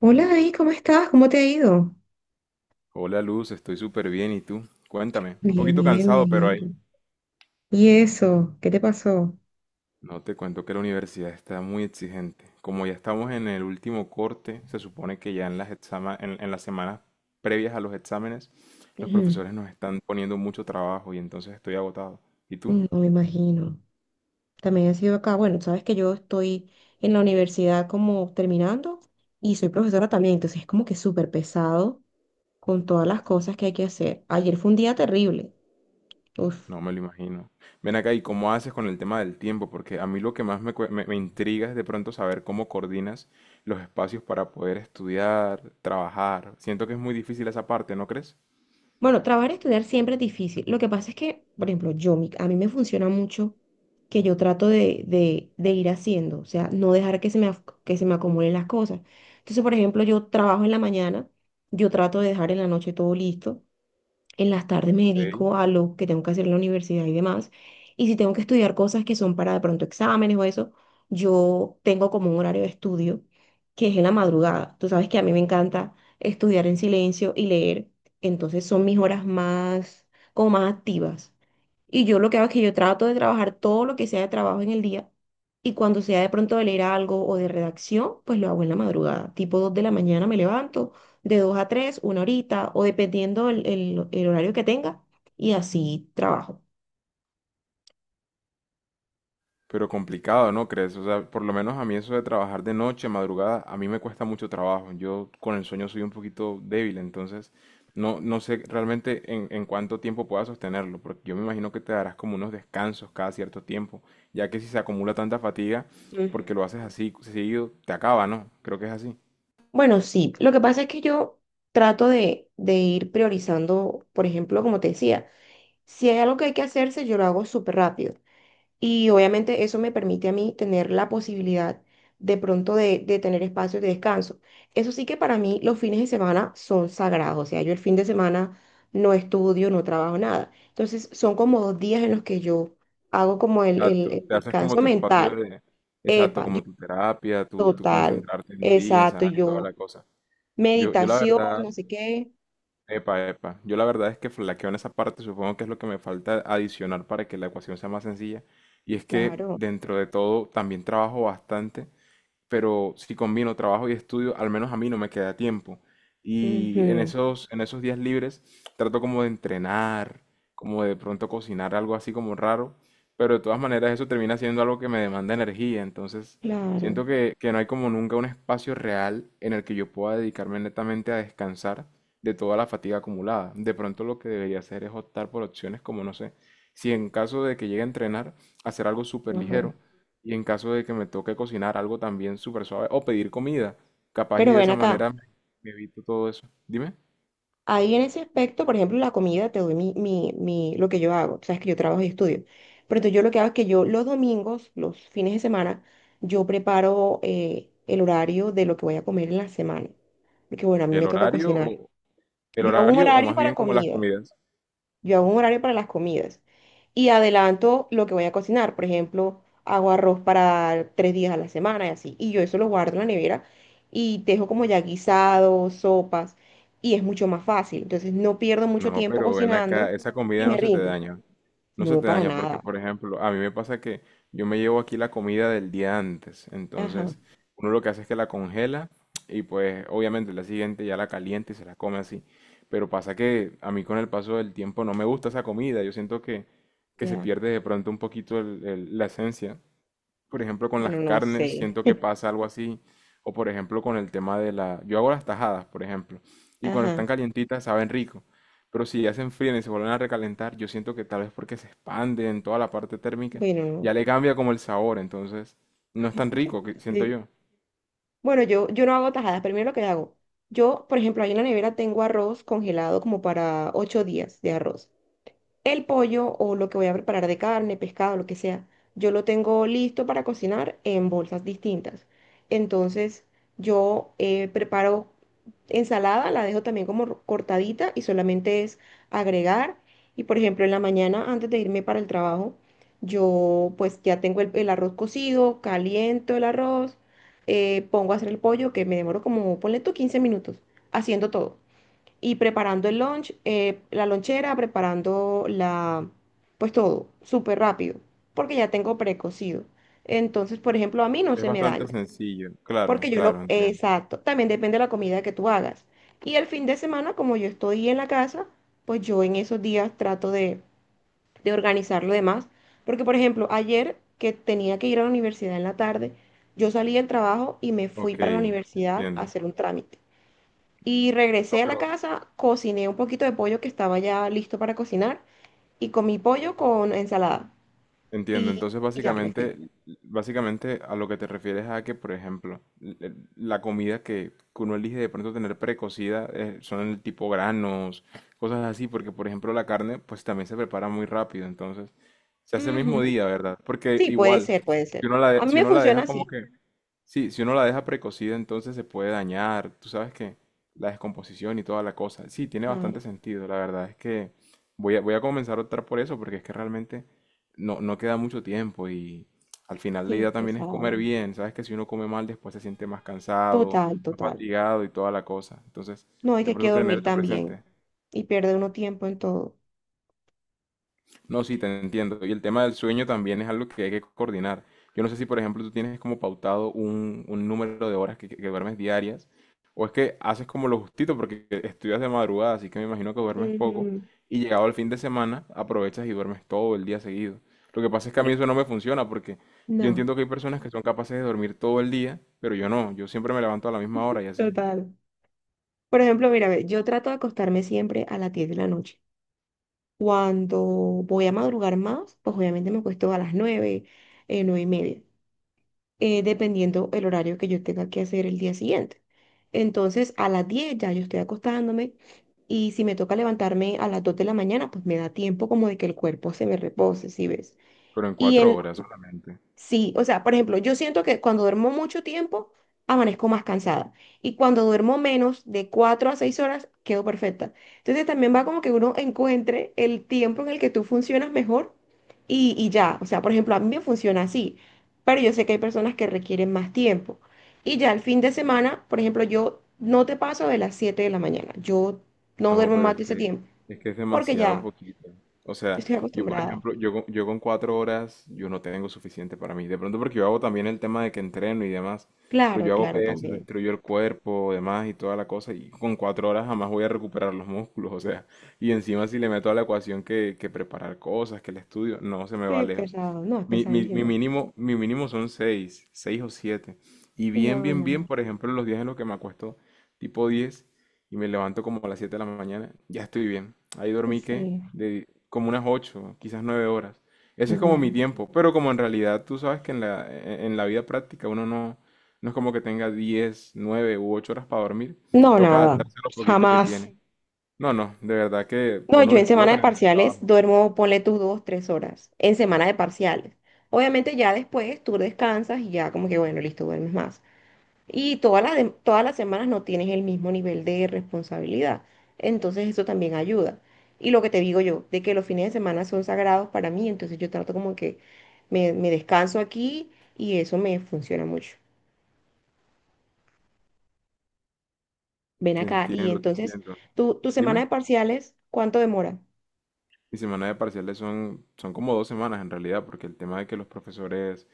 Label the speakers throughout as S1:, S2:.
S1: Hola David, ¿cómo estás? ¿Cómo te ha ido?
S2: Hola Luz, estoy súper bien. ¿Y tú? Cuéntame. Un
S1: Bien,
S2: poquito
S1: bien, me
S2: cansado, pero
S1: alegro.
S2: ahí.
S1: ¿Y eso? ¿Qué te pasó?
S2: No te cuento que la universidad está muy exigente. Como ya estamos en el último corte, se supone que ya en las en las semanas previas a los exámenes, los
S1: Ujú.
S2: profesores nos están poniendo mucho trabajo y entonces estoy agotado. ¿Y tú?
S1: No me imagino. También he sido acá. Bueno, sabes que yo estoy en la universidad como terminando y soy profesora también, entonces es como que súper pesado con todas las cosas que hay que hacer. Ayer fue un día terrible. Uf.
S2: No me lo imagino. Ven acá, ¿y cómo haces con el tema del tiempo? Porque a mí lo que más me, cue- me me intriga es de pronto saber cómo coordinas los espacios para poder estudiar, trabajar. Siento que es muy difícil esa parte, ¿no crees?
S1: Bueno, trabajar y estudiar siempre es difícil. Lo que pasa es que, por ejemplo, yo, a mí me funciona mucho que yo trato de ir haciendo, o sea, no dejar que se me acumulen las cosas. Entonces, por ejemplo, yo trabajo en la mañana, yo trato de dejar en la noche todo listo en las tardes me
S2: Ok.
S1: dedico a lo que tengo que hacer en la universidad y demás. Y si tengo que estudiar cosas que son para de pronto exámenes o eso, yo tengo como un horario de estudio que es en la madrugada. Tú sabes que a mí me encanta estudiar en silencio y leer. Entonces son mis horas más, como más activas. Y yo lo que hago es que yo trato de trabajar todo lo que sea de trabajo en el día. Y cuando sea de pronto de leer algo o de redacción, pues lo hago en la madrugada. Tipo 2 de la mañana me levanto de 2 a 3 una horita, o dependiendo el horario que tenga, y así trabajo.
S2: Pero complicado, ¿no crees? O sea, por lo menos a mí eso de trabajar de noche, madrugada, a mí me cuesta mucho trabajo. Yo con el sueño soy un poquito débil, entonces no, no sé realmente en cuánto tiempo pueda sostenerlo, porque yo me imagino que te darás como unos descansos cada cierto tiempo, ya que si se acumula tanta fatiga,
S1: Ujú.
S2: porque lo haces así seguido, te acaba, ¿no? Creo que es así.
S1: Bueno, sí, lo que pasa es que yo trato de ir priorizando, por ejemplo, como te decía, si hay algo que hay que hacerse, yo lo hago súper rápido. Y obviamente eso me permite a mí tener la posibilidad de pronto de tener espacios de descanso. Eso sí que para mí los fines de semana son sagrados. O sea, yo el fin de semana no estudio, no trabajo nada. Entonces son como 2 días en los que yo hago como el,
S2: Exacto,
S1: el- el
S2: te haces como
S1: descanso
S2: tu espacio
S1: mental.
S2: de, exacto,
S1: Epa, yo
S2: como tu terapia, tu
S1: total,
S2: concentrarte en ti, en
S1: exacto,
S2: sanar y toda
S1: yo
S2: la cosa. Yo, yo la
S1: meditación,
S2: verdad,
S1: no sé qué.
S2: Epa, epa. Yo la verdad es que flaqueo en esa parte, supongo que es lo que me falta adicionar para que la ecuación sea más sencilla. Y es que
S1: Claro,
S2: dentro de todo también trabajo bastante, pero si combino trabajo y estudio, al menos a mí no me queda tiempo. Y en
S1: ujú,
S2: esos, en esos días libres trato como de entrenar, como de pronto cocinar algo así como raro, pero de todas maneras eso termina siendo algo que me demanda energía, entonces
S1: claro.
S2: siento que, no hay como nunca un espacio real en el que yo pueda dedicarme netamente a descansar de toda la fatiga acumulada. De pronto lo que debería hacer es optar por opciones como, no sé, si en caso de que llegue a entrenar, hacer algo súper
S1: Ajá.
S2: ligero, y en caso de que me toque cocinar algo también súper suave o pedir comida, capaz y
S1: Pero
S2: de
S1: ven
S2: esa
S1: acá.
S2: manera me evito todo eso. Dime,
S1: Ahí en ese aspecto, por ejemplo, la comida, te doy mi, lo que yo hago. Sabes que yo trabajo y estudio. Pero entonces yo lo que hago es que yo los domingos, los fines de semana, yo preparo el horario de lo que voy a comer en la semana. Porque bueno, a mí
S2: ¿el
S1: me toca
S2: horario
S1: cocinar.
S2: o el
S1: Yo hago un
S2: horario o
S1: horario
S2: más
S1: para
S2: bien como las
S1: comida.
S2: comidas?
S1: Yo hago un horario para las comidas y adelanto lo que voy a cocinar. Por ejemplo, hago arroz para 3 días a la semana y así. Y yo eso lo guardo en la nevera y dejo como ya guisados, sopas y es mucho más fácil. Entonces no pierdo mucho
S2: No,
S1: tiempo
S2: pero ven
S1: cocinando
S2: acá, esa
S1: y
S2: comida
S1: me
S2: no se te
S1: rinde.
S2: daña. No se
S1: No,
S2: te
S1: para
S2: daña porque,
S1: nada.
S2: por ejemplo, a mí me pasa que yo me llevo aquí la comida del día antes.
S1: Ajá,
S2: Entonces, uno lo que hace es que la congela y pues obviamente la siguiente ya la calienta y se la come así. Pero pasa que a mí con el paso del tiempo no me gusta esa comida. Yo siento que, se
S1: ya.
S2: pierde de pronto un poquito la esencia. Por ejemplo, con las
S1: Bueno, no
S2: carnes,
S1: sé.
S2: siento que pasa algo así. O, por ejemplo, con el tema de la... yo hago las tajadas, por ejemplo. Y cuando están
S1: Ajá,
S2: calientitas saben rico. Pero si ya se enfrían y se vuelven a recalentar, yo siento que tal vez porque se expande en toda la parte térmica,
S1: bueno, no
S2: ya le cambia como el sabor. Entonces, no es tan rico, que siento
S1: sé.
S2: yo.
S1: Bueno, yo no hago tajadas. Pero mira lo que hago. Yo, por ejemplo, ahí en la nevera tengo arroz congelado como para 8 días de arroz. El pollo o lo que voy a preparar de carne, pescado, lo que sea, yo lo tengo listo para cocinar en bolsas distintas. Entonces, yo preparo ensalada, la dejo también como cortadita y solamente es agregar. Y por ejemplo, en la mañana, antes de irme para el trabajo, yo pues ya tengo el arroz cocido, caliento el arroz, pongo a hacer el pollo, que me demoro como, ponle tú 15 minutos, haciendo todo y preparando el lunch, la lonchera, preparando la, pues todo, súper rápido, porque ya tengo precocido. Entonces, por ejemplo, a mí no
S2: Es
S1: se me
S2: bastante
S1: daña,
S2: sencillo. Claro,
S1: porque yo
S2: claro,
S1: lo,
S2: entiendo.
S1: exacto, también depende de la comida que tú hagas. Y el fin de semana, como yo estoy en la casa, pues yo en esos días trato de organizar lo demás, porque por ejemplo, ayer que tenía que ir a la universidad en la tarde, yo salí del trabajo y me fui
S2: Ok,
S1: para la universidad a
S2: entiendo.
S1: hacer un trámite. Y
S2: No,
S1: regresé a la
S2: pero
S1: casa, cociné un poquito de pollo que estaba ya listo para cocinar y comí pollo con ensalada.
S2: Entiendo.
S1: Y,
S2: Entonces,
S1: y ya me fui.
S2: básicamente a lo que te refieres, a que, por ejemplo, la comida que uno elige de pronto tener precocida son el tipo granos, cosas así, porque por ejemplo la carne pues también se prepara muy rápido, entonces se hace el mismo
S1: Ujú.
S2: día, ¿verdad? Porque
S1: Sí, puede
S2: igual,
S1: ser, puede
S2: si
S1: ser.
S2: uno la,
S1: A
S2: de-
S1: mí
S2: si
S1: me
S2: uno la
S1: funciona
S2: deja como
S1: así.
S2: que, sí, si uno la deja precocida entonces se puede dañar, tú sabes que la descomposición y toda la cosa, sí, tiene bastante
S1: Claro,
S2: sentido. La verdad es que voy a comenzar a optar por eso, porque es que realmente no, no queda mucho tiempo y al final la
S1: sí, es
S2: idea también es comer
S1: pesado.
S2: bien. Sabes que si uno come mal después se siente más cansado,
S1: Total,
S2: más
S1: total.
S2: fatigado y toda la cosa. Entonces,
S1: No,
S2: de
S1: hay que
S2: pronto tener
S1: dormir
S2: eso
S1: también.
S2: presente.
S1: Y pierde uno tiempo en todo.
S2: No, sí, te entiendo. Y el tema del sueño también es algo que hay que coordinar. Yo no sé si, por ejemplo, tú tienes como pautado un número de horas que, que duermes diarias, o es que haces como lo justito porque estudias de madrugada, así que me imagino que duermes poco,
S1: Ujú.
S2: y llegado el fin de semana aprovechas y duermes todo el día seguido. Lo que pasa es que a mí
S1: Pero-
S2: eso no me funciona, porque yo
S1: No,
S2: entiendo que hay personas que son capaces de dormir todo el día, pero yo no, yo siempre me levanto a la misma hora y así,
S1: total. Por ejemplo, mira, ve, yo trato de acostarme siempre a las 10 de la noche. Cuando voy a madrugar más, pues obviamente me acuesto a las 9 9 y media. Dependiendo el horario que yo tenga que hacer el día siguiente. Entonces, a las 10 ya yo estoy acostándome y si me toca levantarme a las 2 de la mañana, pues me da tiempo como de que el cuerpo se me repose, ¿si ves?
S2: pero en
S1: Y
S2: cuatro
S1: en,
S2: horas solamente.
S1: Sí, o sea, por ejemplo, yo siento que cuando duermo mucho tiempo, amanezco más cansada. Y cuando duermo menos de 4 a 6 horas, quedo perfecta. Entonces también va como que uno encuentre el tiempo en el que tú funcionas mejor y ya. O sea, por ejemplo, a mí me funciona así, pero yo sé que hay personas que requieren más tiempo. Y ya el fin de semana, por ejemplo, yo no te paso de las 7 de la mañana. Yo no
S2: No,
S1: duermo
S2: pero
S1: más
S2: es
S1: de ese
S2: que,
S1: tiempo
S2: es que es
S1: porque
S2: demasiado
S1: ya
S2: poquito. O sea,
S1: estoy
S2: yo por
S1: acostumbrada.
S2: ejemplo, yo con 4 horas, yo no tengo suficiente para mí. De pronto porque yo hago también el tema de que entreno y demás, pero
S1: Claro,
S2: yo hago
S1: claro,
S2: pesas,
S1: también.
S2: destruyo el cuerpo, demás y toda la cosa, y con 4 horas jamás voy a recuperar los músculos, o sea, y encima si le meto a la ecuación que preparar cosas, que el estudio, no, se me va
S1: Sí,
S2: lejos.
S1: pesado. No, es
S2: Mi, mi, mi
S1: pesadísimo.
S2: mínimo, mi mínimo son seis o siete. Y bien,
S1: No,
S2: bien, bien,
S1: no,
S2: por ejemplo, en los días en los que me acuesto tipo 10 y me levanto como a las 7 de la mañana, ya estoy bien. Ahí dormí que
S1: sí,
S2: de como unas 8 quizás 9 horas. Ese es como mi
S1: claro.
S2: tiempo, pero como en realidad tú sabes que en la vida práctica uno no, no es como que tenga 10, 9 u 8 horas para dormir,
S1: No,
S2: toca
S1: nada,
S2: adaptarse a lo poquito que
S1: jamás.
S2: tiene. No, no, de verdad que a
S1: No,
S2: uno
S1: yo
S2: lo
S1: en semana de
S2: explotan en el
S1: parciales
S2: trabajo.
S1: duermo, ponle tus 2, 3 horas, en semana de parciales. Obviamente ya después tú descansas y ya como que, bueno, listo, duermes más. Y todas las semanas no tienes el mismo nivel de responsabilidad. Entonces eso también ayuda. Y lo que te digo yo, de que los fines de semana son sagrados para mí, entonces yo trato como que me descanso aquí y eso me funciona mucho. Ven
S2: Te
S1: acá. Y
S2: entiendo, te
S1: entonces,
S2: entiendo.
S1: ¿tu semana
S2: Dime.
S1: de parciales, cuánto demora?
S2: Mi semana de parciales son como 2 semanas en realidad, porque el tema de que los profesores,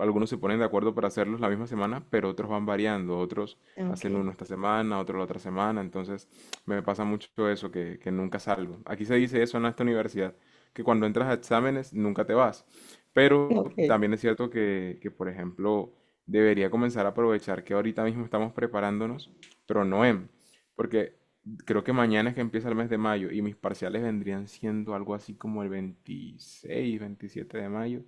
S2: algunos se ponen de acuerdo para hacerlos la misma semana, pero otros van variando, otros
S1: Ah,
S2: hacen
S1: Ok.
S2: uno esta semana, otro la otra semana, entonces me pasa mucho eso, que, nunca salgo. Aquí se dice eso en esta universidad, que cuando entras a exámenes nunca te vas, pero
S1: Ok.
S2: también es cierto que por ejemplo, debería comenzar a aprovechar que ahorita mismo estamos preparándonos, pero no en, porque creo que mañana es que empieza el mes de mayo y mis parciales vendrían siendo algo así como el 26, 27 de mayo,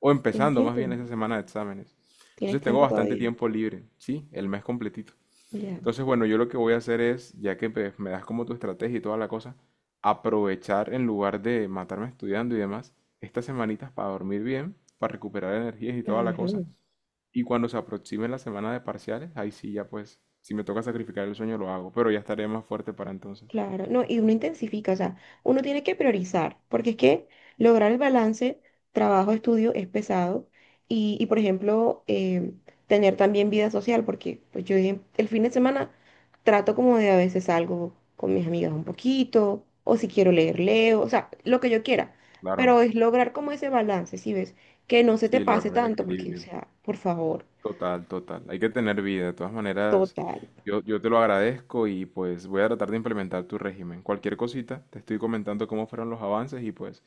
S2: o
S1: ¿Tienes
S2: empezando más
S1: tiempo?
S2: bien esa semana de exámenes.
S1: ¿Tienes
S2: Entonces tengo
S1: tiempo
S2: bastante
S1: todavía?
S2: tiempo libre, ¿sí? El mes completito.
S1: Ya.
S2: Entonces, bueno, yo lo que voy a hacer es, ya que pues me das como tu estrategia y toda la cosa, aprovechar, en lugar de matarme estudiando y demás, estas semanitas para dormir bien, para recuperar energías y toda la cosa.
S1: Claro.
S2: Y cuando se aproxime la semana de parciales, ahí sí ya pues, si me toca sacrificar el sueño lo hago, pero ya estaré más fuerte para entonces.
S1: Claro, no, y uno intensifica, o sea, uno tiene que priorizar, porque es que lograr el balance trabajo-estudio es pesado por ejemplo, tener también vida social, porque pues yo el fin de semana trato como de a veces salgo con mis amigas un poquito, o si quiero leer, leo, o sea, lo que yo quiera,
S2: Claro,
S1: pero es lograr como ese balance, ¿si ves? Que no se te
S2: sí,
S1: pase
S2: lograr el
S1: tanto, porque, o
S2: equilibrio.
S1: sea, por favor,
S2: Total, total. Hay que tener vida. De todas maneras,
S1: total.
S2: yo te lo agradezco y pues voy a tratar de implementar tu régimen. Cualquier cosita, te estoy comentando cómo fueron los avances y pues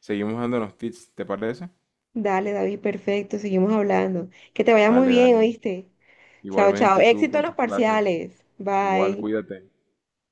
S2: seguimos dándonos tips, ¿te parece?
S1: Dale, David, perfecto, seguimos hablando. Que te vaya muy
S2: Dale,
S1: bien,
S2: dale.
S1: ¿oíste? Chao, chao.
S2: Igualmente tú
S1: Éxito
S2: con
S1: en los
S2: tus clases.
S1: parciales.
S2: Igual,
S1: Bye.
S2: cuídate.